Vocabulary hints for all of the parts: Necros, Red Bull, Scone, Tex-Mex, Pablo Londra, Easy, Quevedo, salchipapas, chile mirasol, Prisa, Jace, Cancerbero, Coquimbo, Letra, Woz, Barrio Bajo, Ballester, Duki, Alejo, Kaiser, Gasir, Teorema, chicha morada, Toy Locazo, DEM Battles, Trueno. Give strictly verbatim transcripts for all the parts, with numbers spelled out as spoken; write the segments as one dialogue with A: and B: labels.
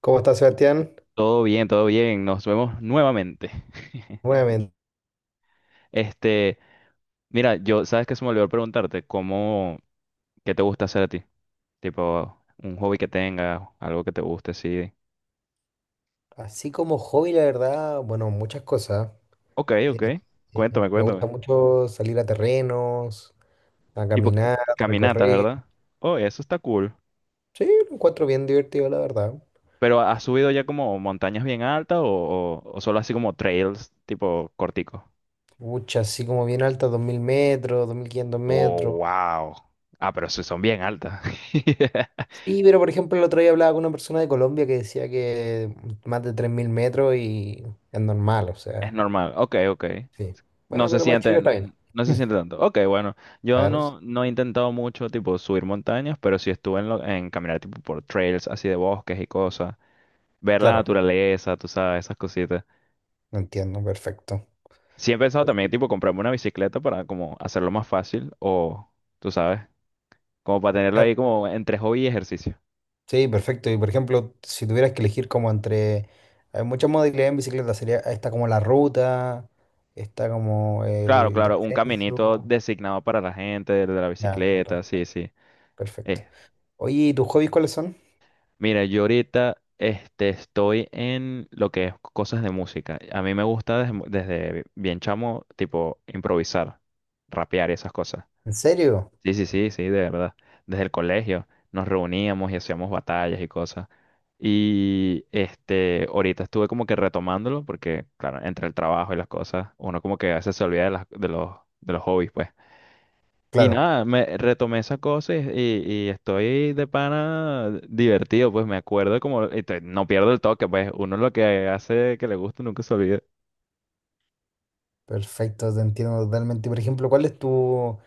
A: ¿Cómo estás, Sebastián?
B: Todo bien, todo bien. Nos vemos nuevamente.
A: Nuevamente.
B: Este, mira, yo, ¿sabes qué se me olvidó preguntarte? ¿Cómo, ¿qué te gusta hacer a ti? Tipo, un hobby que tengas, algo que te guste, sí.
A: Así como hobby, la verdad, bueno, muchas cosas.
B: Ok,
A: Eh,
B: ok.
A: eh,
B: Cuéntame,
A: me gusta
B: cuéntame.
A: mucho salir a terrenos, a
B: Tipo, ca-
A: caminar,
B: caminatas,
A: recorrer.
B: ¿verdad? Oh, eso está cool.
A: Sí, lo encuentro bien divertido, la verdad.
B: Pero ¿has subido ya como montañas bien altas o, o- o solo así como trails, tipo corticos?
A: Muchas, así como bien altas, dos mil metros, dos mil quinientos
B: Oh,
A: metros.
B: wow. Ah, pero sí son bien altas.
A: Sí, pero por ejemplo, el otro día hablaba con una persona de Colombia que decía que más de tres mil metros y es normal, o
B: Es
A: sea,
B: normal. Ok, ok.
A: sí.
B: No
A: Bueno,
B: se
A: pero para Chile está bien.
B: sienten, no se siente tanto. Ok, bueno, yo
A: Claro,
B: no, no he intentado mucho tipo subir montañas, pero sí estuve en, lo- en caminar tipo por trails así de bosques y cosas, ver la
A: claro,
B: naturaleza, tú sabes, esas cositas.
A: entiendo, perfecto.
B: Sí he pensado también tipo comprarme una bicicleta para como hacerlo más fácil o, tú sabes, como para tenerlo ahí como entre hobby y ejercicio.
A: Sí, perfecto. Y por ejemplo, si tuvieras que elegir como entre... Hay muchas modalidades en bicicleta. Sería, está como la ruta, está como
B: Claro,
A: el
B: claro, un caminito
A: descenso.
B: designado para la gente de la
A: La ruta,
B: bicicleta, sí,
A: claro,
B: sí.
A: perfecto.
B: Eh,
A: Oye, ¿y tus hobbies cuáles son?
B: Mira, yo ahorita este, estoy en lo que es cosas de música. A mí me gusta desde, desde bien chamo, tipo, improvisar, rapear y esas cosas.
A: ¿En serio?
B: Sí, sí, sí, sí, de verdad. Desde el colegio nos reuníamos y hacíamos batallas y cosas. Y este, ahorita estuve como que retomándolo porque, claro, entre el trabajo y las cosas, uno como que a veces se olvida de las- de los, de los hobbies, pues. Y
A: Claro,
B: nada, me retomé esas cosas y, y estoy de pana divertido, pues me acuerdo como, y te- no pierdo el toque, pues uno lo que hace que le gusta nunca se olvida.
A: perfecto, te entiendo totalmente. Por ejemplo, ¿cuál es tu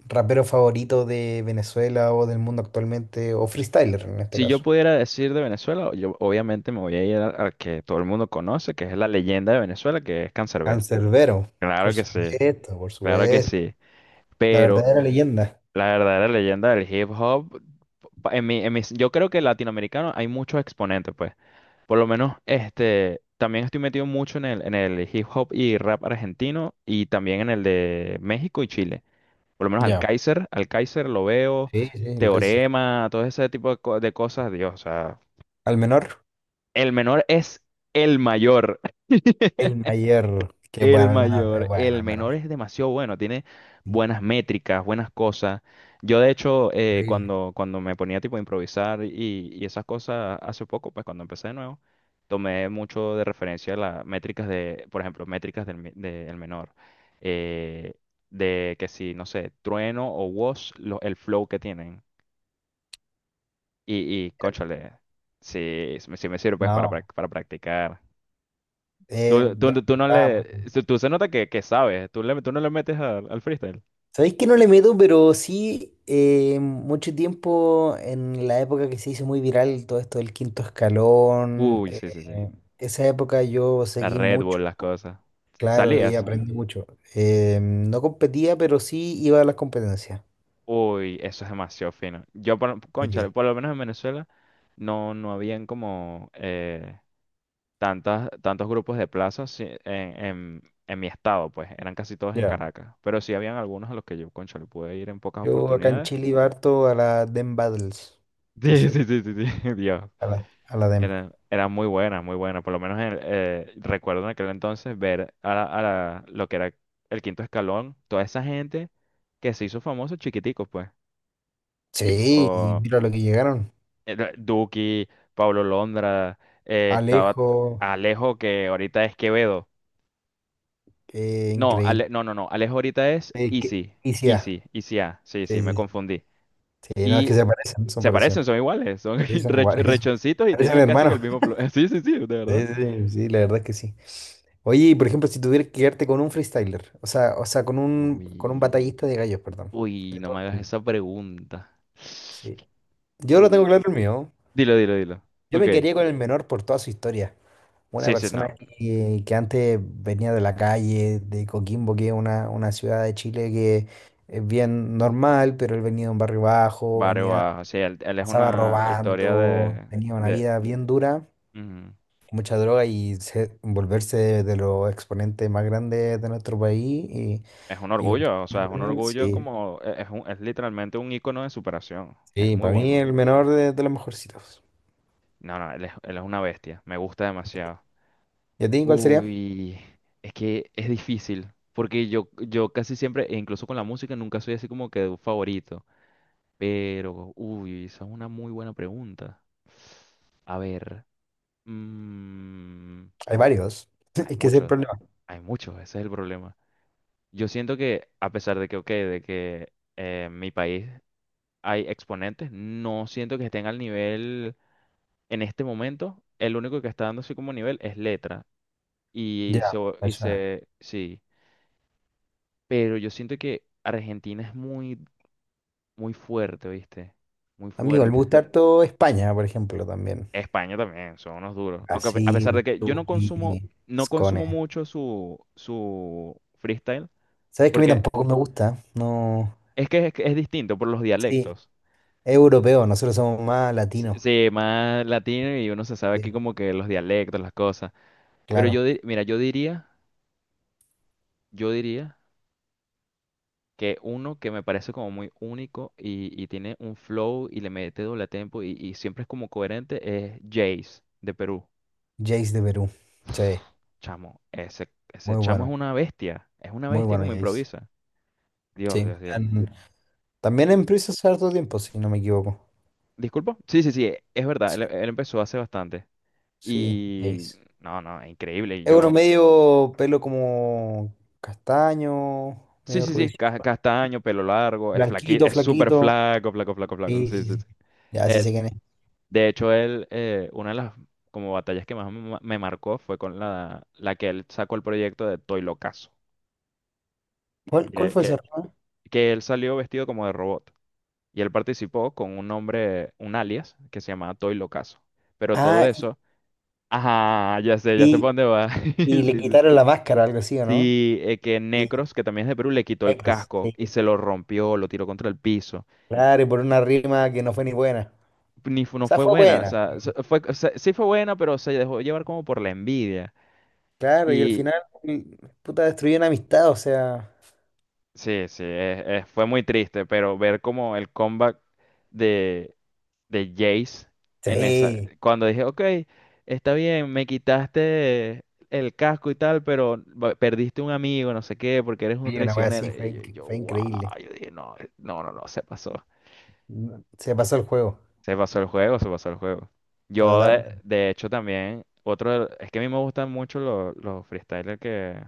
A: rapero favorito de Venezuela o del mundo actualmente? O freestyler en este
B: Si yo
A: caso.
B: pudiera decir de Venezuela, yo obviamente me voy a ir al al que todo el mundo conoce, que es la leyenda de Venezuela, que es Canserbero.
A: Cancerbero,
B: Claro
A: por
B: que sí,
A: supuesto, por
B: claro que
A: supuesto.
B: sí.
A: La
B: Pero
A: verdadera leyenda.
B: la verdadera leyenda del hip hop, pa- en mi, en mis- yo creo que latinoamericano hay muchos exponentes, pues. Por lo menos, este, también estoy metido mucho en el, en el hip hop y rap argentino y también en el de México y Chile. Por lo menos al
A: Ya.
B: Kaiser, al Kaiser lo veo,
A: Sí, sí, el Kaiser.
B: Teorema, todo ese tipo de, co- de cosas, Dios, o sea,
A: ¿Al menor?
B: el menor es el mayor.
A: El mayor, que es
B: El
A: bueno el menor, es
B: mayor,
A: bueno
B: el
A: el menor.
B: menor es demasiado bueno, tiene
A: Sí.
B: buenas métricas, buenas cosas. Yo de hecho, eh,
A: Increíble.
B: cuando, cuando me ponía tipo a improvisar y, y esas cosas hace poco, pues cuando empecé de nuevo, tomé mucho de referencia las métricas de, por ejemplo, métricas del, me- del menor. eh, de que si, no sé, Trueno o Woz, lo- el flow que tienen. Y, y cónchale, sí, sí me sirve pues para,
A: No,
B: prac- para practicar.
A: eh,
B: Tú, tú,
A: yo
B: tú no
A: estaba muy
B: le.
A: bueno.
B: se- Tú se nota que, que sabes. Tú, le, tú no le metes al al freestyle.
A: Sabéis que no le meto, pero sí, eh, mucho tiempo en la época que se hizo muy viral todo esto del quinto escalón,
B: Uy,
A: eh,
B: sí, sí, sí.
A: esa época yo
B: La
A: seguí
B: Red
A: mucho,
B: Bull, las cosas.
A: claro, y
B: ¿Salías?
A: aprendí mucho. Eh, no competía, pero sí iba a las competencias.
B: Uy, eso es demasiado fino. Yo, por, cónchale,
A: Sí.
B: por lo menos en Venezuela no, no habían como eh, tantas, tantos grupos de plazas sí, en, en, en mi estado, pues. Eran casi todos en
A: Ya.
B: Caracas. Pero sí habían algunos a los que yo, cónchale, pude ir en pocas
A: Yo acá en
B: oportunidades.
A: Chile iba harto a la D E M Battles, que
B: Sí,
A: se
B: sí, sí, sí, sí. Dios.
A: a la, a la D E M.
B: Era, era muy buena, muy buena. Por lo menos en el- eh, recuerdo en aquel entonces ver a, la- a la- lo que era el quinto escalón, toda esa gente que se hizo famoso chiquitico, pues. Tipo
A: Sí, y mira lo que llegaron.
B: era Duki, Pablo Londra, eh, estaba
A: Alejo,
B: Alejo, que ahorita es Quevedo.
A: eh,
B: No,
A: increíble.
B: Ale- no, no, no. Alejo ahorita es
A: Eh, que-
B: Easy,
A: y sí, ah,
B: Easy, Easy A. Sí,
A: sí,
B: sí, me
A: sí, sí.
B: confundí.
A: Sí, no, es
B: Y
A: que se parecen, son
B: se
A: parecidos.
B: parecen, son iguales, son
A: Sí, son
B: rech-
A: iguales. son-
B: rechoncitos y
A: Parecen
B: tienen casi que el
A: hermanos.
B: mismo flow. Sí, sí, sí, de verdad.
A: Sí, sí, sí, la verdad es que sí. Oye, y por ejemplo, si tuvieras que quedarte con un freestyler, o sea, o sea, con un, con un
B: Uy.
A: batallista de gallos, perdón,
B: Uy,
A: de
B: no
A: todo
B: me
A: el
B: hagas
A: mundo.
B: esa pregunta.
A: Sí. Yo lo tengo
B: Uy.
A: claro el mío.
B: Dilo, dilo, dilo.
A: Yo
B: Ok.
A: me quería con el menor por toda su historia. Una
B: Sí, sí,
A: persona
B: no.
A: que, que antes venía de la calle, de Coquimbo, que es una, una ciudad de Chile que es bien normal, pero él venía de un barrio bajo,
B: Barrio
A: venía,
B: Bajo. Sí, él, él es
A: pasaba
B: una historia
A: robando,
B: de,
A: tenía una
B: de...
A: vida bien dura,
B: mm,
A: mucha droga y se- volverse de, de los exponentes más grandes de nuestro país. Y,
B: Es un
A: y
B: orgullo, o sea,
A: compartirlo
B: es
A: con
B: un
A: él,
B: orgullo
A: sí,
B: como... e- Es, un- es literalmente un ícono de superación. Es
A: sí,
B: muy
A: para mí
B: bueno.
A: el menor de, de los mejorcitos.
B: No, no, él es, él es una bestia. Me gusta demasiado.
A: ¿Y a ti cuál sería?
B: Uy, es que es difícil. Porque yo, yo casi siempre, e incluso con la música, nunca soy así como que de un favorito. Pero, uy, esa es una muy buena pregunta. A ver, mm,
A: Hay varios.
B: hay
A: Es que ese es el
B: muchos,
A: problema.
B: hay muchos, ese es el problema. Yo siento que, a pesar de que, ok, de que eh, en mi país hay exponentes, no siento que estén al nivel en este momento. El único que está dando así como nivel es Letra. Y
A: Ya,
B: se, y
A: eso.
B: se, sí, pero yo siento que Argentina es muy, muy fuerte, ¿viste? Muy
A: Amigo, me
B: fuerte.
A: gusta harto España, por ejemplo, también.
B: España también, son unos duros. Aunque a pe- a pesar de
A: Brasil,
B: que yo
A: Chile,
B: no consumo,
A: y
B: no
A: Scone.
B: consumo mucho su, su freestyle,
A: ¿Sabes que a mí
B: porque
A: tampoco me gusta? No.
B: es que es, que es distinto por los
A: Sí,
B: dialectos.
A: es europeo, nosotros somos más
B: S-
A: latinos.
B: Sí, más latino y uno se sabe aquí
A: Sí,
B: como que los dialectos, las cosas. Pero
A: claro.
B: yo, di- mira, yo diría, yo diría que uno que me parece como muy único y, y tiene un flow y le mete doble tempo y, y siempre es como coherente es Jace de Perú.
A: Jace de Perú. Sí,
B: Chamo, ese, ese
A: muy
B: chamo es
A: bueno.
B: una bestia, es una
A: Muy
B: bestia
A: bueno,
B: como
A: Jace.
B: improvisa. Dios,
A: Sí.
B: Dios, Dios.
A: en- También
B: Y-
A: en Prisa hace harto tiempo, si no me equivoco.
B: ¿Disculpa? Sí, sí, sí, es verdad, él,
A: Sí,
B: él empezó hace bastante.
A: sí,
B: Y
A: Jace.
B: no, no, es increíble. Y
A: Es uno
B: yo,
A: medio pelo como castaño,
B: sí,
A: medio
B: sí,
A: rubio.
B: sí, ca- castaño, pelo largo, es flaqui,
A: Blanquito,
B: es súper
A: flaquito.
B: flaco, flaco, flaco, flaco.
A: Sí,
B: Sí,
A: sí,
B: sí,
A: sí.
B: sí.
A: Ya, sí sé
B: Eh,
A: quién es.
B: de hecho, él, eh, una de las como batallas que más me me marcó fue con la, la que él sacó el proyecto de Toy Locazo.
A: ¿Cuál, cuál
B: Que,
A: fue ese
B: que,
A: error?
B: que él salió vestido como de robot. Y él participó con un nombre, un alias, que se llamaba Toy Locazo. Pero todo
A: Ah, y,
B: eso Ajá, ya sé, ya sé por
A: y,
B: dónde va.
A: y le
B: Sí,
A: quitaron
B: sí.
A: la máscara, algo así, ¿o no?
B: Sí, eh, que
A: Y
B: Necros, que también es de Perú, le quitó el
A: negros,
B: casco y
A: sí.
B: se lo rompió, lo tiró contra el piso.
A: Claro, y por una rima que no fue ni buena.
B: Ni fu-
A: O
B: No
A: sea,
B: fue
A: fue
B: buena, o
A: buena.
B: sea, se- fue, o sea, sí fue buena, pero se dejó llevar como por la envidia.
A: Claro, y al
B: Y
A: final, y- puta, destruyó una amistad, o sea.
B: sí, sí, es- es- fue muy triste, pero ver como el comeback de Jace en esa.
A: Sí,
B: Cuando dije, ok, está bien, me quitaste el casco y tal, pero va- perdiste un amigo, no sé qué, porque eres un
A: sí, una wea
B: traicionero.
A: así, fue,
B: Y
A: inc-
B: yo, yo,
A: fue
B: wow,
A: increíble.
B: yo dije, no, eh, no, no, no, se pasó.
A: No, se pasó el juego,
B: Se pasó el juego, se pasó el juego. Yo, de,
A: totalmente.
B: de hecho, también, otro, de- es que a mí me gustan mucho los, los freestylers que,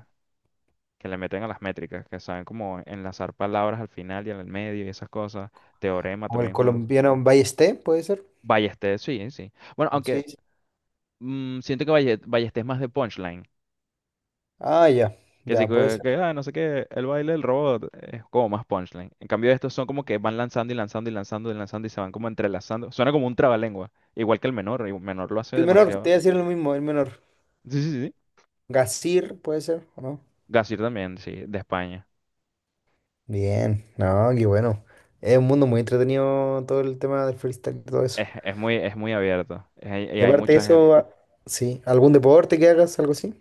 B: que le meten a las métricas, que saben como enlazar palabras al final y al medio y esas cosas. Teorema
A: Como el
B: también es uno.
A: colombiano Ballesté, ¿puede ser?
B: Ballester, sí, sí. Bueno,
A: Sí.
B: aunque
A: Sí.
B: Mm, siento que Valle- Ballestés es más de punchline.
A: Ah, ya,
B: Que sí,
A: ya, puede
B: que,
A: ser.
B: que, ah, no sé qué, el baile del robot es como más punchline. En cambio, estos son como que van lanzando y lanzando y lanzando y lanzando y se van como entrelazando. Suena como un trabalengua. Igual que el menor, y el menor lo hace
A: El menor, te voy
B: demasiado.
A: a decir lo mismo, el menor.
B: Sí, sí, sí.
A: Gasir, ¿puede ser? ¿O no?
B: Gasir también, sí, de España.
A: Bien, no, qué bueno. Es un mundo muy entretenido todo el tema del freestyle y todo eso.
B: Es, es muy, es muy abierto. Es- y
A: Y
B: hay
A: aparte de
B: mucha gente.
A: eso, a- sí, ¿algún deporte que hagas, algo así?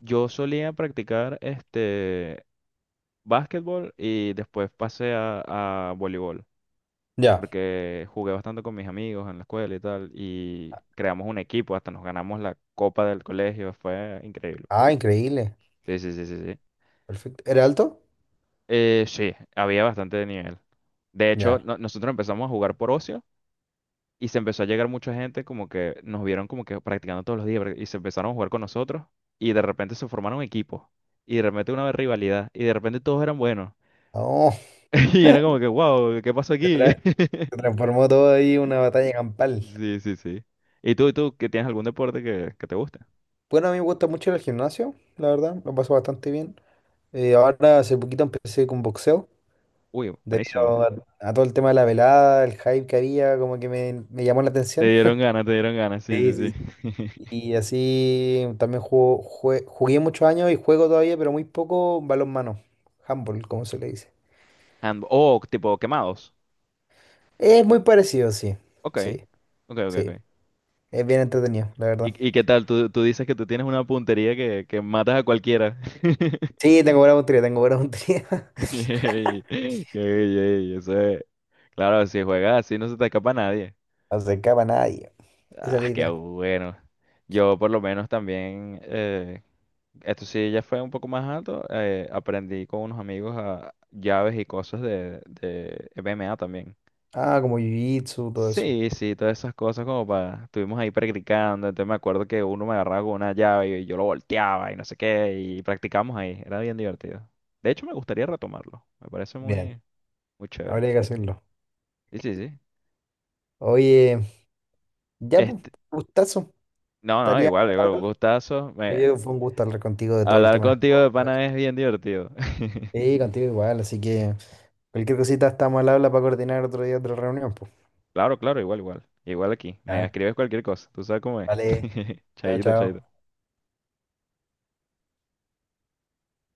B: Yo solía practicar este básquetbol y después pasé a, a voleibol.
A: Ya.
B: Porque jugué bastante con mis amigos en la escuela y tal, y creamos un equipo, hasta nos ganamos la copa del colegio, fue increíble, pues.
A: Ah, increíble.
B: Sí, sí, sí, sí, sí.
A: Perfecto. ¿Era alto?
B: Eh, sí, había bastante de nivel. De hecho,
A: Ya.
B: no- nosotros empezamos a jugar por ocio y se empezó a llegar mucha gente como que nos vieron como que practicando todos los días pra- y se empezaron a jugar con nosotros y de repente se formaron equipos y de repente una rivalidad y de repente todos eran buenos.
A: Oh,
B: Y era como que, wow, ¿qué pasó
A: se
B: aquí?
A: tra- se transformó todo ahí en una batalla campal.
B: Sí, sí, sí. ¿Y tú, tú, que tienes algún deporte que, que te guste?
A: Bueno, a mí me gusta mucho el gimnasio, la verdad, lo paso bastante bien. Eh, ahora hace poquito empecé con boxeo,
B: Uy, buenísimo.
A: debido a, a todo el tema de la velada, el hype que había, como que me, me llamó la
B: Te
A: atención.
B: dieron ganas, te dieron ganas, sí,
A: Sí,
B: sí,
A: sí.
B: sí.
A: Y así también jugo- jue- jugué muchos años y juego todavía, pero muy poco balonmano. Handball, como se le dice.
B: And- oh, tipo quemados.
A: Es muy parecido, sí.
B: Ok,
A: Sí,
B: ok, ok,
A: sí.
B: ok.
A: Es bien entretenido, la verdad.
B: ¿Y, y qué tal? Tú, tú dices que tú tienes una puntería que, que matas a cualquiera.
A: Sí, tengo buena puntería, tengo buena puntería.
B: Ey, ey, ey, eso es- Claro, si juegas así no se te escapa nadie.
A: No se escapa nadie. Esa es la
B: Ah, qué
A: idea.
B: bueno. Yo por lo menos también, eh, esto sí ya fue un poco más alto, eh, aprendí con unos amigos a llaves y cosas de, de M M A también.
A: Ah, como jiu-jitsu, todo eso.
B: Sí, sí, todas esas cosas como para, estuvimos ahí practicando, entonces me acuerdo que uno me agarraba con una llave y yo lo volteaba y no sé qué, y practicamos ahí, era bien divertido. De hecho, me gustaría retomarlo, me parece
A: Bien,
B: muy, muy chévere.
A: habría que hacerlo.
B: Sí, sí, sí.
A: Oye, ya, pues,
B: Este,
A: gustazo.
B: no, no,
A: Estaría
B: igual, igual, un
A: bueno.
B: gustazo. Me-
A: Eh, fue un gusto hablar contigo de todo el
B: hablar
A: tema.
B: contigo de pana es bien divertido.
A: Sí, contigo igual, así que cualquier cosita estamos al habla para coordinar otro día otra reunión.
B: Claro, claro, igual, igual. Igual aquí, me
A: Ya,
B: escribes cualquier cosa, tú sabes cómo es.
A: vale, chao,
B: Chaito, chaito.
A: chao.